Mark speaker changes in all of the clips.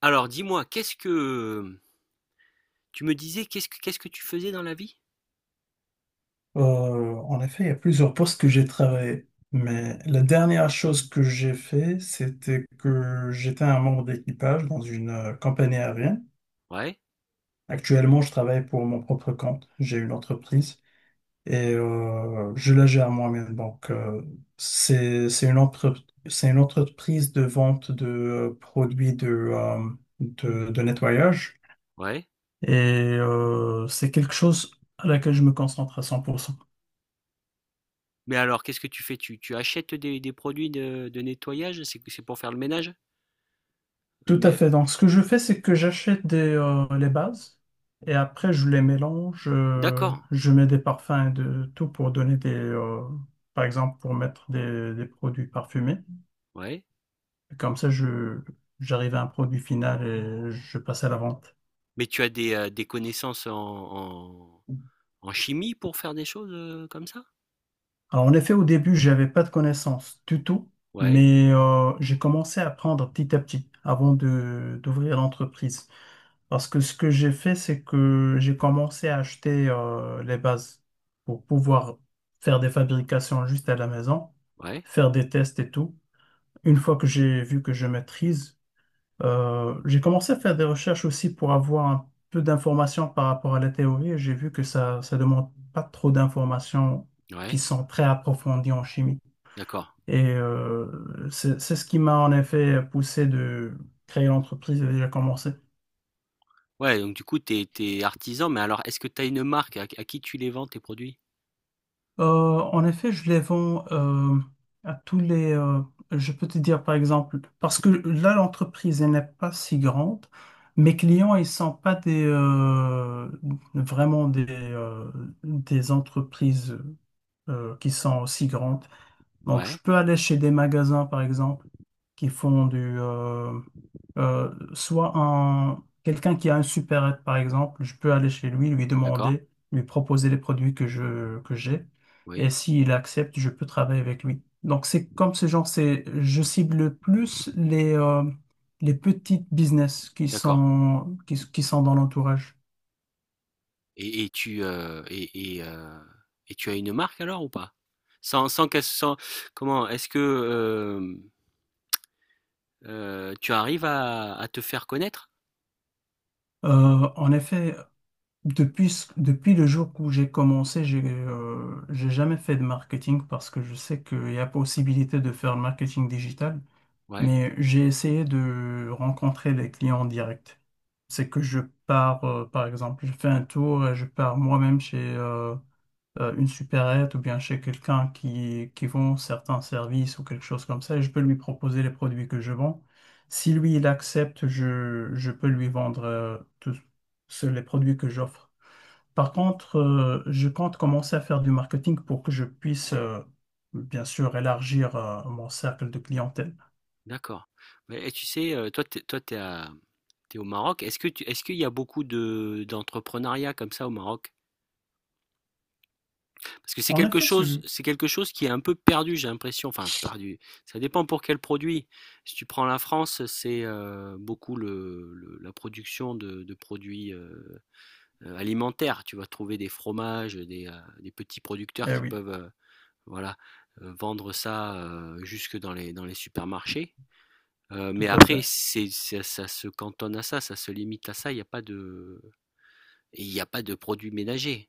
Speaker 1: Alors dis-moi, qu'est-ce que tu me disais, qu'est-ce que tu faisais dans la vie?
Speaker 2: En effet, il y a plusieurs postes que j'ai travaillé, mais la dernière chose que j'ai fait, c'était que j'étais un membre d'équipage dans une compagnie aérienne.
Speaker 1: Ouais,
Speaker 2: Actuellement, je travaille pour mon propre compte. J'ai une entreprise et je la gère moi-même. Donc, c'est une entreprise de vente de produits de nettoyage
Speaker 1: ouais.
Speaker 2: et c'est quelque chose à laquelle je me concentre à 100%.
Speaker 1: Mais alors, qu'est-ce que tu fais? Tu achètes des produits de nettoyage? C'est pour faire le ménage?
Speaker 2: Tout à
Speaker 1: Mais
Speaker 2: fait. Donc, ce que je fais, c'est que j'achète les bases et après, je les mélange.
Speaker 1: d'accord,
Speaker 2: Je mets des parfums et de tout pour donner par exemple, pour mettre des produits parfumés.
Speaker 1: ouais.
Speaker 2: Comme ça, j'arrive à un produit final et je passe à la vente.
Speaker 1: Mais tu as des connaissances en chimie pour faire des choses comme ça?
Speaker 2: Alors, en effet, au début, j'avais pas de connaissances du tout,
Speaker 1: Ouais,
Speaker 2: mais j'ai commencé à apprendre petit à petit avant d'ouvrir l'entreprise. Parce que ce que j'ai fait, c'est que j'ai commencé à acheter les bases pour pouvoir faire des fabrications juste à la maison,
Speaker 1: ouais,
Speaker 2: faire des tests et tout. Une fois que j'ai vu que je maîtrise, j'ai commencé à faire des recherches aussi pour avoir un peu d'informations par rapport à la théorie. Et j'ai vu que ça demande pas trop d'informations qui
Speaker 1: ouais.
Speaker 2: sont très approfondies en chimie.
Speaker 1: D'accord.
Speaker 2: Et c'est ce qui m'a en effet poussé de créer l'entreprise et déjà commencé.
Speaker 1: Ouais, donc du coup, t'es artisan, mais alors, est-ce que tu as une marque? À qui tu les vends, tes produits?
Speaker 2: Euh, En effet, je les vends à tous les. Je peux te dire par exemple, parce que là, l'entreprise elle n'est pas si grande. Mes clients, ils sont pas des vraiment des entreprises qui sont aussi grandes. Donc, je
Speaker 1: Ouais,
Speaker 2: peux aller chez des magasins, par exemple, qui font quelqu'un qui a un supérette, par exemple, je peux aller chez lui, lui
Speaker 1: d'accord,
Speaker 2: demander, lui proposer les produits que j'ai. Et
Speaker 1: oui,
Speaker 2: s'il accepte, je peux travailler avec lui. Donc, c'est comme ce genre, je cible plus les petites business qui
Speaker 1: d'accord.
Speaker 2: sont, qui, qui sont dans l'entourage.
Speaker 1: Et et tu, heu et et heu et tu as une marque alors ou pas? Sans sans qu'elle sans Comment? Est-ce que, tu arrives à te faire connaître?
Speaker 2: En effet, depuis le jour où j'ai commencé, j'ai jamais fait de marketing parce que je sais qu'il y a possibilité de faire le marketing digital,
Speaker 1: Ouais,
Speaker 2: mais j'ai essayé de rencontrer les clients en direct. C'est que par exemple, je fais un tour et je pars moi-même chez une supérette ou bien chez quelqu'un qui vend certains services ou quelque chose comme ça et je peux lui proposer les produits que je vends. Si lui, il accepte, je peux lui vendre tous les produits que j'offre. Par contre, je compte commencer à faire du marketing pour que je puisse, bien sûr, élargir, mon cercle de clientèle.
Speaker 1: d'accord. Mais et tu sais, toi, t'es à tu au Maroc. Est-ce que tu est-ce qu'il y a beaucoup de d'entrepreneuriat comme ça au Maroc? Parce que c'est
Speaker 2: En
Speaker 1: quelque
Speaker 2: effet,
Speaker 1: chose
Speaker 2: celui.
Speaker 1: c'est quelque chose qui est un peu perdu, j'ai l'impression. Enfin perdu, ça dépend pour quel produit. Si tu prends la France, c'est, beaucoup le la production de produits, alimentaire. Tu vas trouver des fromages, des petits producteurs
Speaker 2: Eh
Speaker 1: qui
Speaker 2: oui,
Speaker 1: peuvent voilà, vendre ça jusque dans les supermarchés. Mais
Speaker 2: tout à
Speaker 1: après,
Speaker 2: fait.
Speaker 1: ça se cantonne à ça, ça se limite à ça. Il n'y a pas de, il n'y a pas de produits ménagers.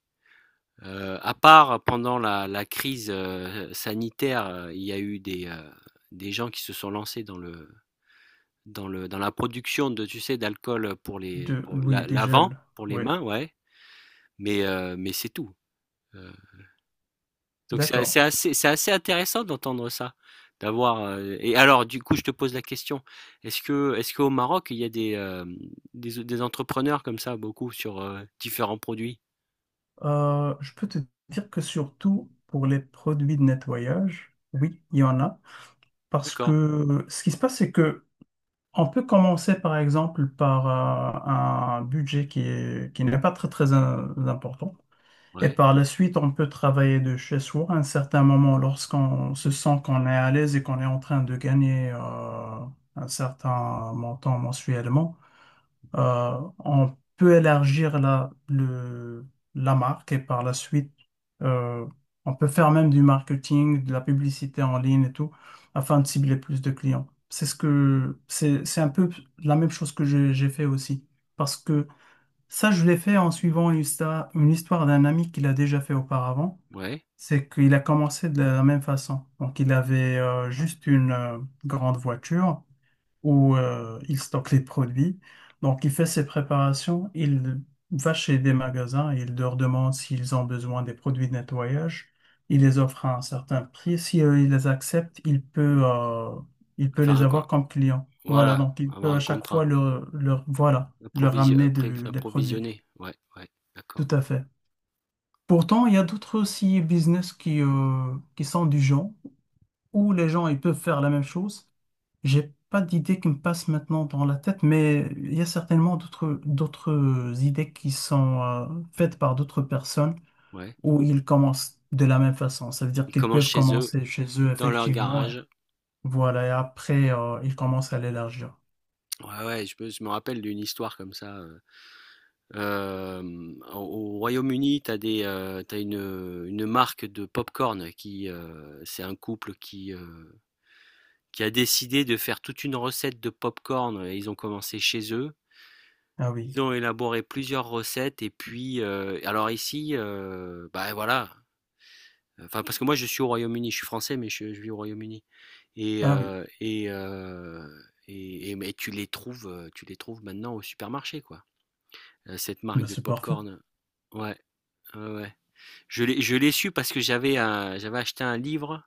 Speaker 1: À part pendant la crise sanitaire, il y a eu des gens qui se sont lancés dans la production tu sais, d'alcool pour
Speaker 2: Oui, du
Speaker 1: l'avant,
Speaker 2: gel.
Speaker 1: pour les
Speaker 2: Oui,
Speaker 1: mains, ouais. Mais c'est tout. Euh, Donc c'est
Speaker 2: d'accord.
Speaker 1: c'est assez, c'est assez intéressant d'entendre ça, d'avoir. Et alors, du coup, je te pose la question, est-ce qu'au Maroc, il y a des entrepreneurs comme ça, beaucoup sur différents produits?
Speaker 2: Je peux te dire que surtout pour les produits de nettoyage, oui, il y en a. Parce
Speaker 1: D'accord.
Speaker 2: que ce qui se passe, c'est que on peut commencer par exemple par un budget qui n'est pas très très important. Et
Speaker 1: Ouais,
Speaker 2: par la suite, on peut travailler de chez soi à un certain moment lorsqu'on se sent qu'on est à l'aise et qu'on est en train de gagner un certain montant mensuellement. On peut élargir la marque et par la suite, euh, on peut faire même du marketing, de la publicité en ligne et tout, afin de cibler plus de clients. C'est ce que, c'est un peu la même chose que j'ai fait aussi. Parce que ça, je l'ai fait en suivant une histoire d'un ami qu'il a déjà fait auparavant.
Speaker 1: ouais.
Speaker 2: C'est qu'il a commencé de la même façon. Donc, il avait juste une grande voiture où il stocke les produits. Donc, il fait ses préparations, il va chez des magasins et il leur demande s'ils ont besoin des produits de nettoyage. Il les offre à un certain prix. Si il les accepte, il peut
Speaker 1: Faire
Speaker 2: les
Speaker 1: un, co-
Speaker 2: avoir comme clients. Voilà,
Speaker 1: voilà,
Speaker 2: donc il
Speaker 1: avoir
Speaker 2: peut à
Speaker 1: un
Speaker 2: chaque
Speaker 1: contrat,
Speaker 2: fois voilà, leur ramener des produits.
Speaker 1: Approvisionner. Ouais, ouais,
Speaker 2: Tout
Speaker 1: d'accord.
Speaker 2: à fait. Pourtant, il y a d'autres aussi business qui sont du genre où les gens ils peuvent faire la même chose, j'ai pas d'idée qui me passe maintenant dans la tête, mais il y a certainement d'autres idées qui sont faites par d'autres personnes
Speaker 1: Ouais.
Speaker 2: où ils commencent de la même façon. Ça veut dire
Speaker 1: Ils
Speaker 2: qu'ils
Speaker 1: commencent
Speaker 2: peuvent
Speaker 1: chez eux,
Speaker 2: commencer chez eux,
Speaker 1: dans leur
Speaker 2: effectivement. Hein.
Speaker 1: garage.
Speaker 2: Voilà, et après, ils commencent à l'élargir.
Speaker 1: Ouais, ouais, je me rappelle d'une histoire comme ça. Hem, au au Royaume-Uni, tu as des, tu une marque de pop-corn c'est un couple qui a décidé de faire toute une recette de pop-corn et ils ont commencé chez eux.
Speaker 2: Ah oui,
Speaker 1: Ils ont élaboré plusieurs recettes et puis, alors ici, bah, voilà, enfin, parce que moi je suis au Royaume-Uni, je suis français mais je vis au Royaume-Uni et
Speaker 2: ah oui,
Speaker 1: heu et heu mais tu les trouves maintenant au supermarché, quoi, cette marque
Speaker 2: ben,
Speaker 1: de
Speaker 2: c'est parfait.
Speaker 1: pop-corn. Ouais, ouais, ouais. Je l'ai su parce que j'avais acheté un livre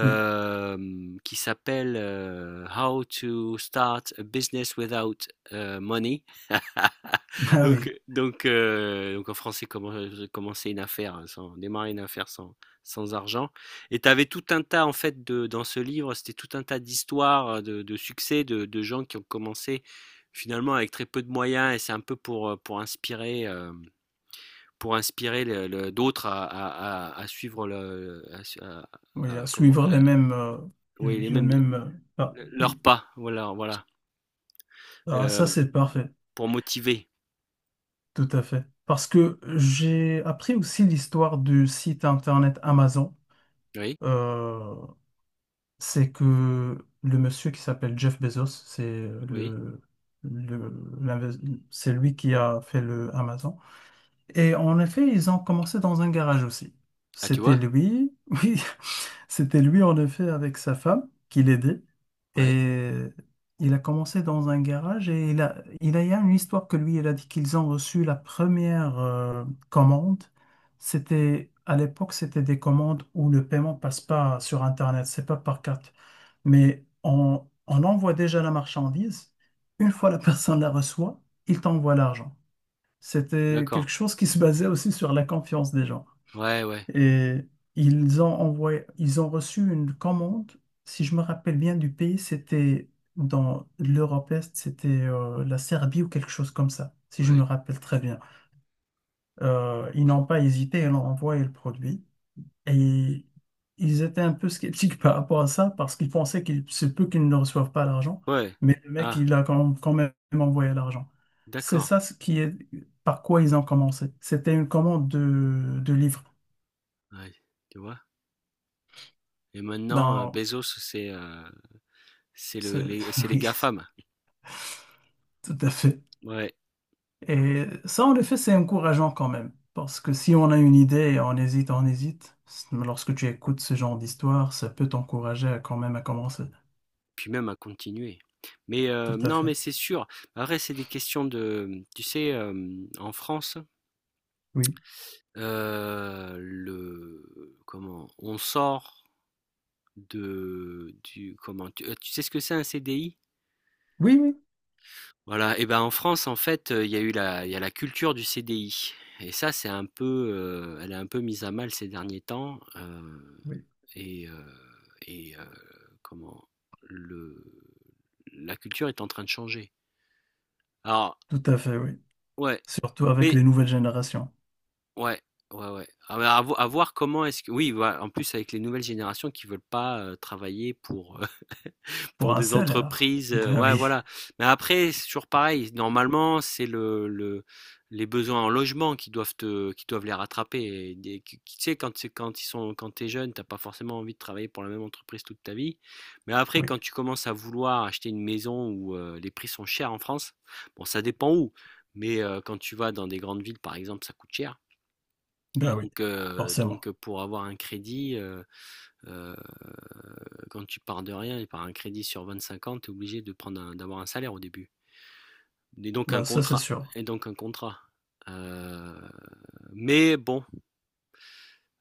Speaker 2: Oui,
Speaker 1: qui s'appelle How to Start a Business Without Money.
Speaker 2: ah oui,
Speaker 1: Donc, donc en français, comment commencer une affaire, hein, sans, démarrer une affaire sans argent. Et tu avais tout un tas, en fait, dans ce livre, c'était tout un tas d'histoires de succès de gens qui ont commencé finalement avec très peu de moyens et c'est un peu pour inspirer le d'autres à suivre le
Speaker 2: oui, à
Speaker 1: à comment
Speaker 2: suivre
Speaker 1: à
Speaker 2: les mêmes, euh,
Speaker 1: oui les
Speaker 2: les
Speaker 1: mêmes
Speaker 2: mêmes. Ah
Speaker 1: leurs
Speaker 2: oui,
Speaker 1: pas, voilà, voilà,
Speaker 2: ah, ça
Speaker 1: heu,
Speaker 2: c'est parfait,
Speaker 1: pour motiver.
Speaker 2: tout à fait. Parce que j'ai appris aussi l'histoire du site internet Amazon.
Speaker 1: Oui,
Speaker 2: euh, c'est que le monsieur qui s'appelle Jeff Bezos, c'est
Speaker 1: oui.
Speaker 2: le- l'inves- c'est lui qui a fait le Amazon. Et en effet, ils ont commencé dans un garage aussi.
Speaker 1: Ah tu
Speaker 2: C'était
Speaker 1: vois?
Speaker 2: lui, oui, c'était lui en effet avec sa femme qui l'aidait.
Speaker 1: Ouais,
Speaker 2: Et il a commencé dans un garage et il y a une histoire que lui, il a dit qu'ils ont reçu la première commande. C'était, à l'époque, c'était des commandes où le paiement passe pas sur Internet, c'est pas par carte. Mais on envoie déjà la marchandise. Une fois la personne la reçoit, il t'envoie l'argent. C'était
Speaker 1: d'accord.
Speaker 2: quelque chose qui se basait aussi sur la confiance des gens.
Speaker 1: Ouais, ouais,
Speaker 2: Et ils ont reçu une commande, si je me rappelle bien du pays, c'était dans l'Europe Est, c'était la Serbie ou quelque chose comme ça, si je me
Speaker 1: ouais,
Speaker 2: rappelle très bien. Ils n'ont pas hésité, ils ont envoyé le produit. Et ils étaient un peu sceptiques par rapport à ça parce qu'ils pensaient qu'il se peut qu'ils ne reçoivent pas l'argent,
Speaker 1: ouais.
Speaker 2: mais le mec,
Speaker 1: Ah
Speaker 2: il a quand même envoyé l'argent. C'est
Speaker 1: d'accord,
Speaker 2: ça ce qui est par quoi ils ont commencé. C'était une commande de livres.
Speaker 1: ouais, tu vois? Et maintenant,
Speaker 2: Ben,
Speaker 1: Bezos c'est
Speaker 2: c'est-
Speaker 1: le les c'est les
Speaker 2: oui,
Speaker 1: GAFAM.
Speaker 2: tout à fait.
Speaker 1: Ouais,
Speaker 2: Et ça, en effet, c'est encourageant quand même. Parce que si on a une idée et on hésite, lorsque tu écoutes ce genre d'histoire, ça peut t'encourager à quand même à commencer.
Speaker 1: puis même à continuer. Mais,
Speaker 2: Tout à
Speaker 1: non
Speaker 2: fait.
Speaker 1: mais c'est sûr. Après c'est des questions tu sais, en France.
Speaker 2: Oui.
Speaker 1: Le comment? On sort de du comment? Tu sais ce que c'est un CDI?
Speaker 2: Oui, oui.
Speaker 1: Voilà et ben, en France, en fait, il y a la culture du CDI et ça, c'est un peu, elle est un peu mise à mal ces derniers temps,
Speaker 2: Oui.
Speaker 1: et heu et heu, comment? Le la culture est en train de changer. Alors
Speaker 2: Tout à fait, oui.
Speaker 1: ouais,
Speaker 2: Surtout avec
Speaker 1: mais
Speaker 2: les nouvelles générations.
Speaker 1: Ouais, ouais, ouais. Ah bah, à voir comment est-ce que. Oui, voilà, en plus avec les nouvelles générations qui veulent pas travailler
Speaker 2: Pour
Speaker 1: pour
Speaker 2: un
Speaker 1: des
Speaker 2: salaire.
Speaker 1: entreprises.
Speaker 2: Ben
Speaker 1: Ouais,
Speaker 2: oui,
Speaker 1: voilà. Mais après, c'est toujours pareil. Normalement, c'est les besoins en logement qui doivent qui doivent les rattraper. Tu sais, quand, c'est- quand ils sont, quand t'es jeune, t'as pas forcément envie de travailler pour la même entreprise toute ta vie. Mais après,
Speaker 2: oui,
Speaker 1: quand tu commences à vouloir acheter une maison où les prix sont chers en France, bon, ça dépend où. Mais quand tu vas dans des grandes villes, par exemple, ça coûte cher.
Speaker 2: ben oui,
Speaker 1: Donc heu,
Speaker 2: forcément.
Speaker 1: donc pour avoir un crédit, heu, quand tu pars de rien et par un crédit sur 25 ans, tu es obligé de prendre un d'avoir un salaire au début et donc un
Speaker 2: Ben ça, c'est
Speaker 1: contrat
Speaker 2: sûr.
Speaker 1: et donc un contrat. Heu, mais bon,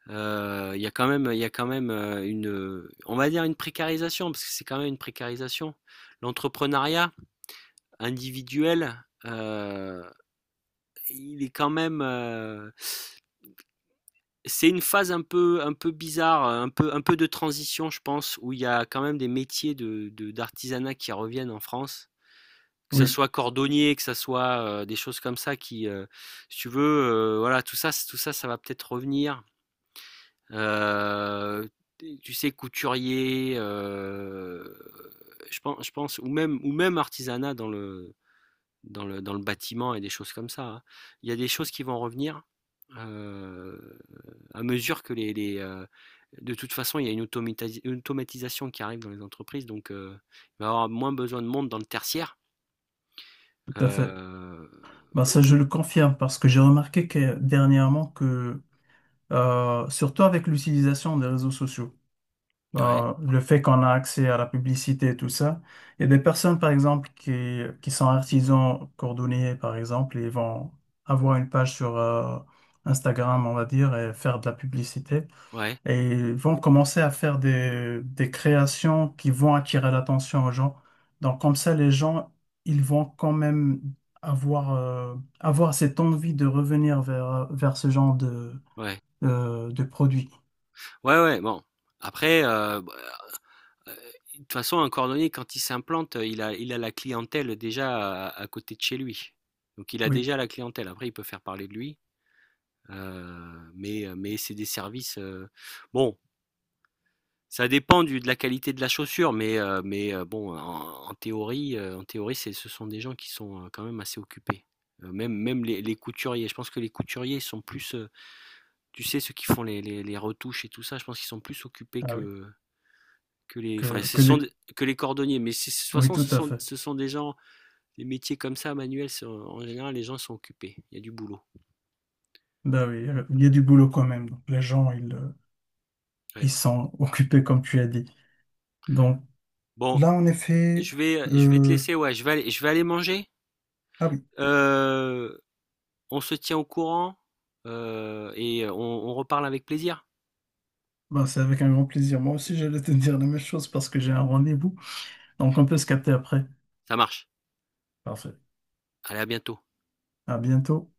Speaker 1: il y a quand même il y a quand même, une, on va dire une précarisation parce que c'est quand même une précarisation. L'entrepreneuriat individuel, il est quand même. C'est une phase un peu bizarre, un peu de transition, je pense, où il y a quand même des métiers de d'artisanat qui reviennent en France. Que ça
Speaker 2: Oui,
Speaker 1: soit cordonnier, que ça soit, des choses comme ça qui, si tu veux, voilà, tout ça, ça va peut-être revenir. Heu, Tu sais, couturier, je pense ou même artisanat dans le bâtiment et des choses comme ça. Hein. Il y a des choses qui vont revenir euh, à mesure que de toute façon, il y a une automatisation qui arrive dans les entreprises, donc il va y avoir moins besoin de monde dans le tertiaire.
Speaker 2: tout à fait.
Speaker 1: Euh,
Speaker 2: Ben ça,
Speaker 1: donc,
Speaker 2: je le confirme parce que j'ai remarqué que dernièrement surtout avec l'utilisation des réseaux sociaux,
Speaker 1: ouais,
Speaker 2: le fait qu'on a accès à la publicité et tout ça, il y a des personnes, par exemple, qui sont artisans cordonniers, par exemple, et vont avoir une page sur, Instagram, on va dire, et faire de la publicité.
Speaker 1: ouais,
Speaker 2: Et vont commencer à faire des créations qui vont attirer l'attention aux gens. Donc comme ça, les gens, ils vont quand même avoir cette envie de revenir vers ce genre de,
Speaker 1: ouais,
Speaker 2: euh, de produit.
Speaker 1: ouais, ouais, bon. Après, bah, euh, de toute façon, un cordonnier, quand il s'implante, il a la clientèle déjà à côté de chez lui. Donc, il a
Speaker 2: Oui,
Speaker 1: déjà la clientèle. Après, il peut faire parler de lui. Mais c'est des services, bon, ça dépend du de la qualité de la chaussure, bon, en théorie, en théorie, c'est ce sont des gens qui sont, quand même assez occupés. Même les couturiers, je pense que les couturiers sont plus, tu sais, ceux qui font les retouches et tout ça, je pense qu'ils sont plus occupés
Speaker 2: ah oui,
Speaker 1: que les enfin,
Speaker 2: que,
Speaker 1: ce
Speaker 2: que
Speaker 1: sont
Speaker 2: les...
Speaker 1: des que les cordonniers, mais c'est de toute
Speaker 2: oui,
Speaker 1: façon,
Speaker 2: tout
Speaker 1: ce
Speaker 2: à
Speaker 1: sont
Speaker 2: fait.
Speaker 1: ce sont des gens les métiers comme ça manuels, c'est en général, les gens sont occupés, il y a du boulot.
Speaker 2: Ben oui, il y a du boulot quand même. Donc, les gens,
Speaker 1: Ouais.
Speaker 2: ils sont occupés, comme tu as dit. Donc
Speaker 1: Bon,
Speaker 2: là, en effet,
Speaker 1: je vais te
Speaker 2: euh,
Speaker 1: laisser, ouais, je vais aller manger.
Speaker 2: ah oui,
Speaker 1: Euh, on se tient au courant et on reparle avec plaisir.
Speaker 2: ben, c'est avec un grand plaisir. Moi aussi, j'allais te dire la même chose parce que j'ai un rendez-vous. Donc on peut se capter après.
Speaker 1: Ça marche.
Speaker 2: Parfait.
Speaker 1: Allez, à bientôt.
Speaker 2: À bientôt.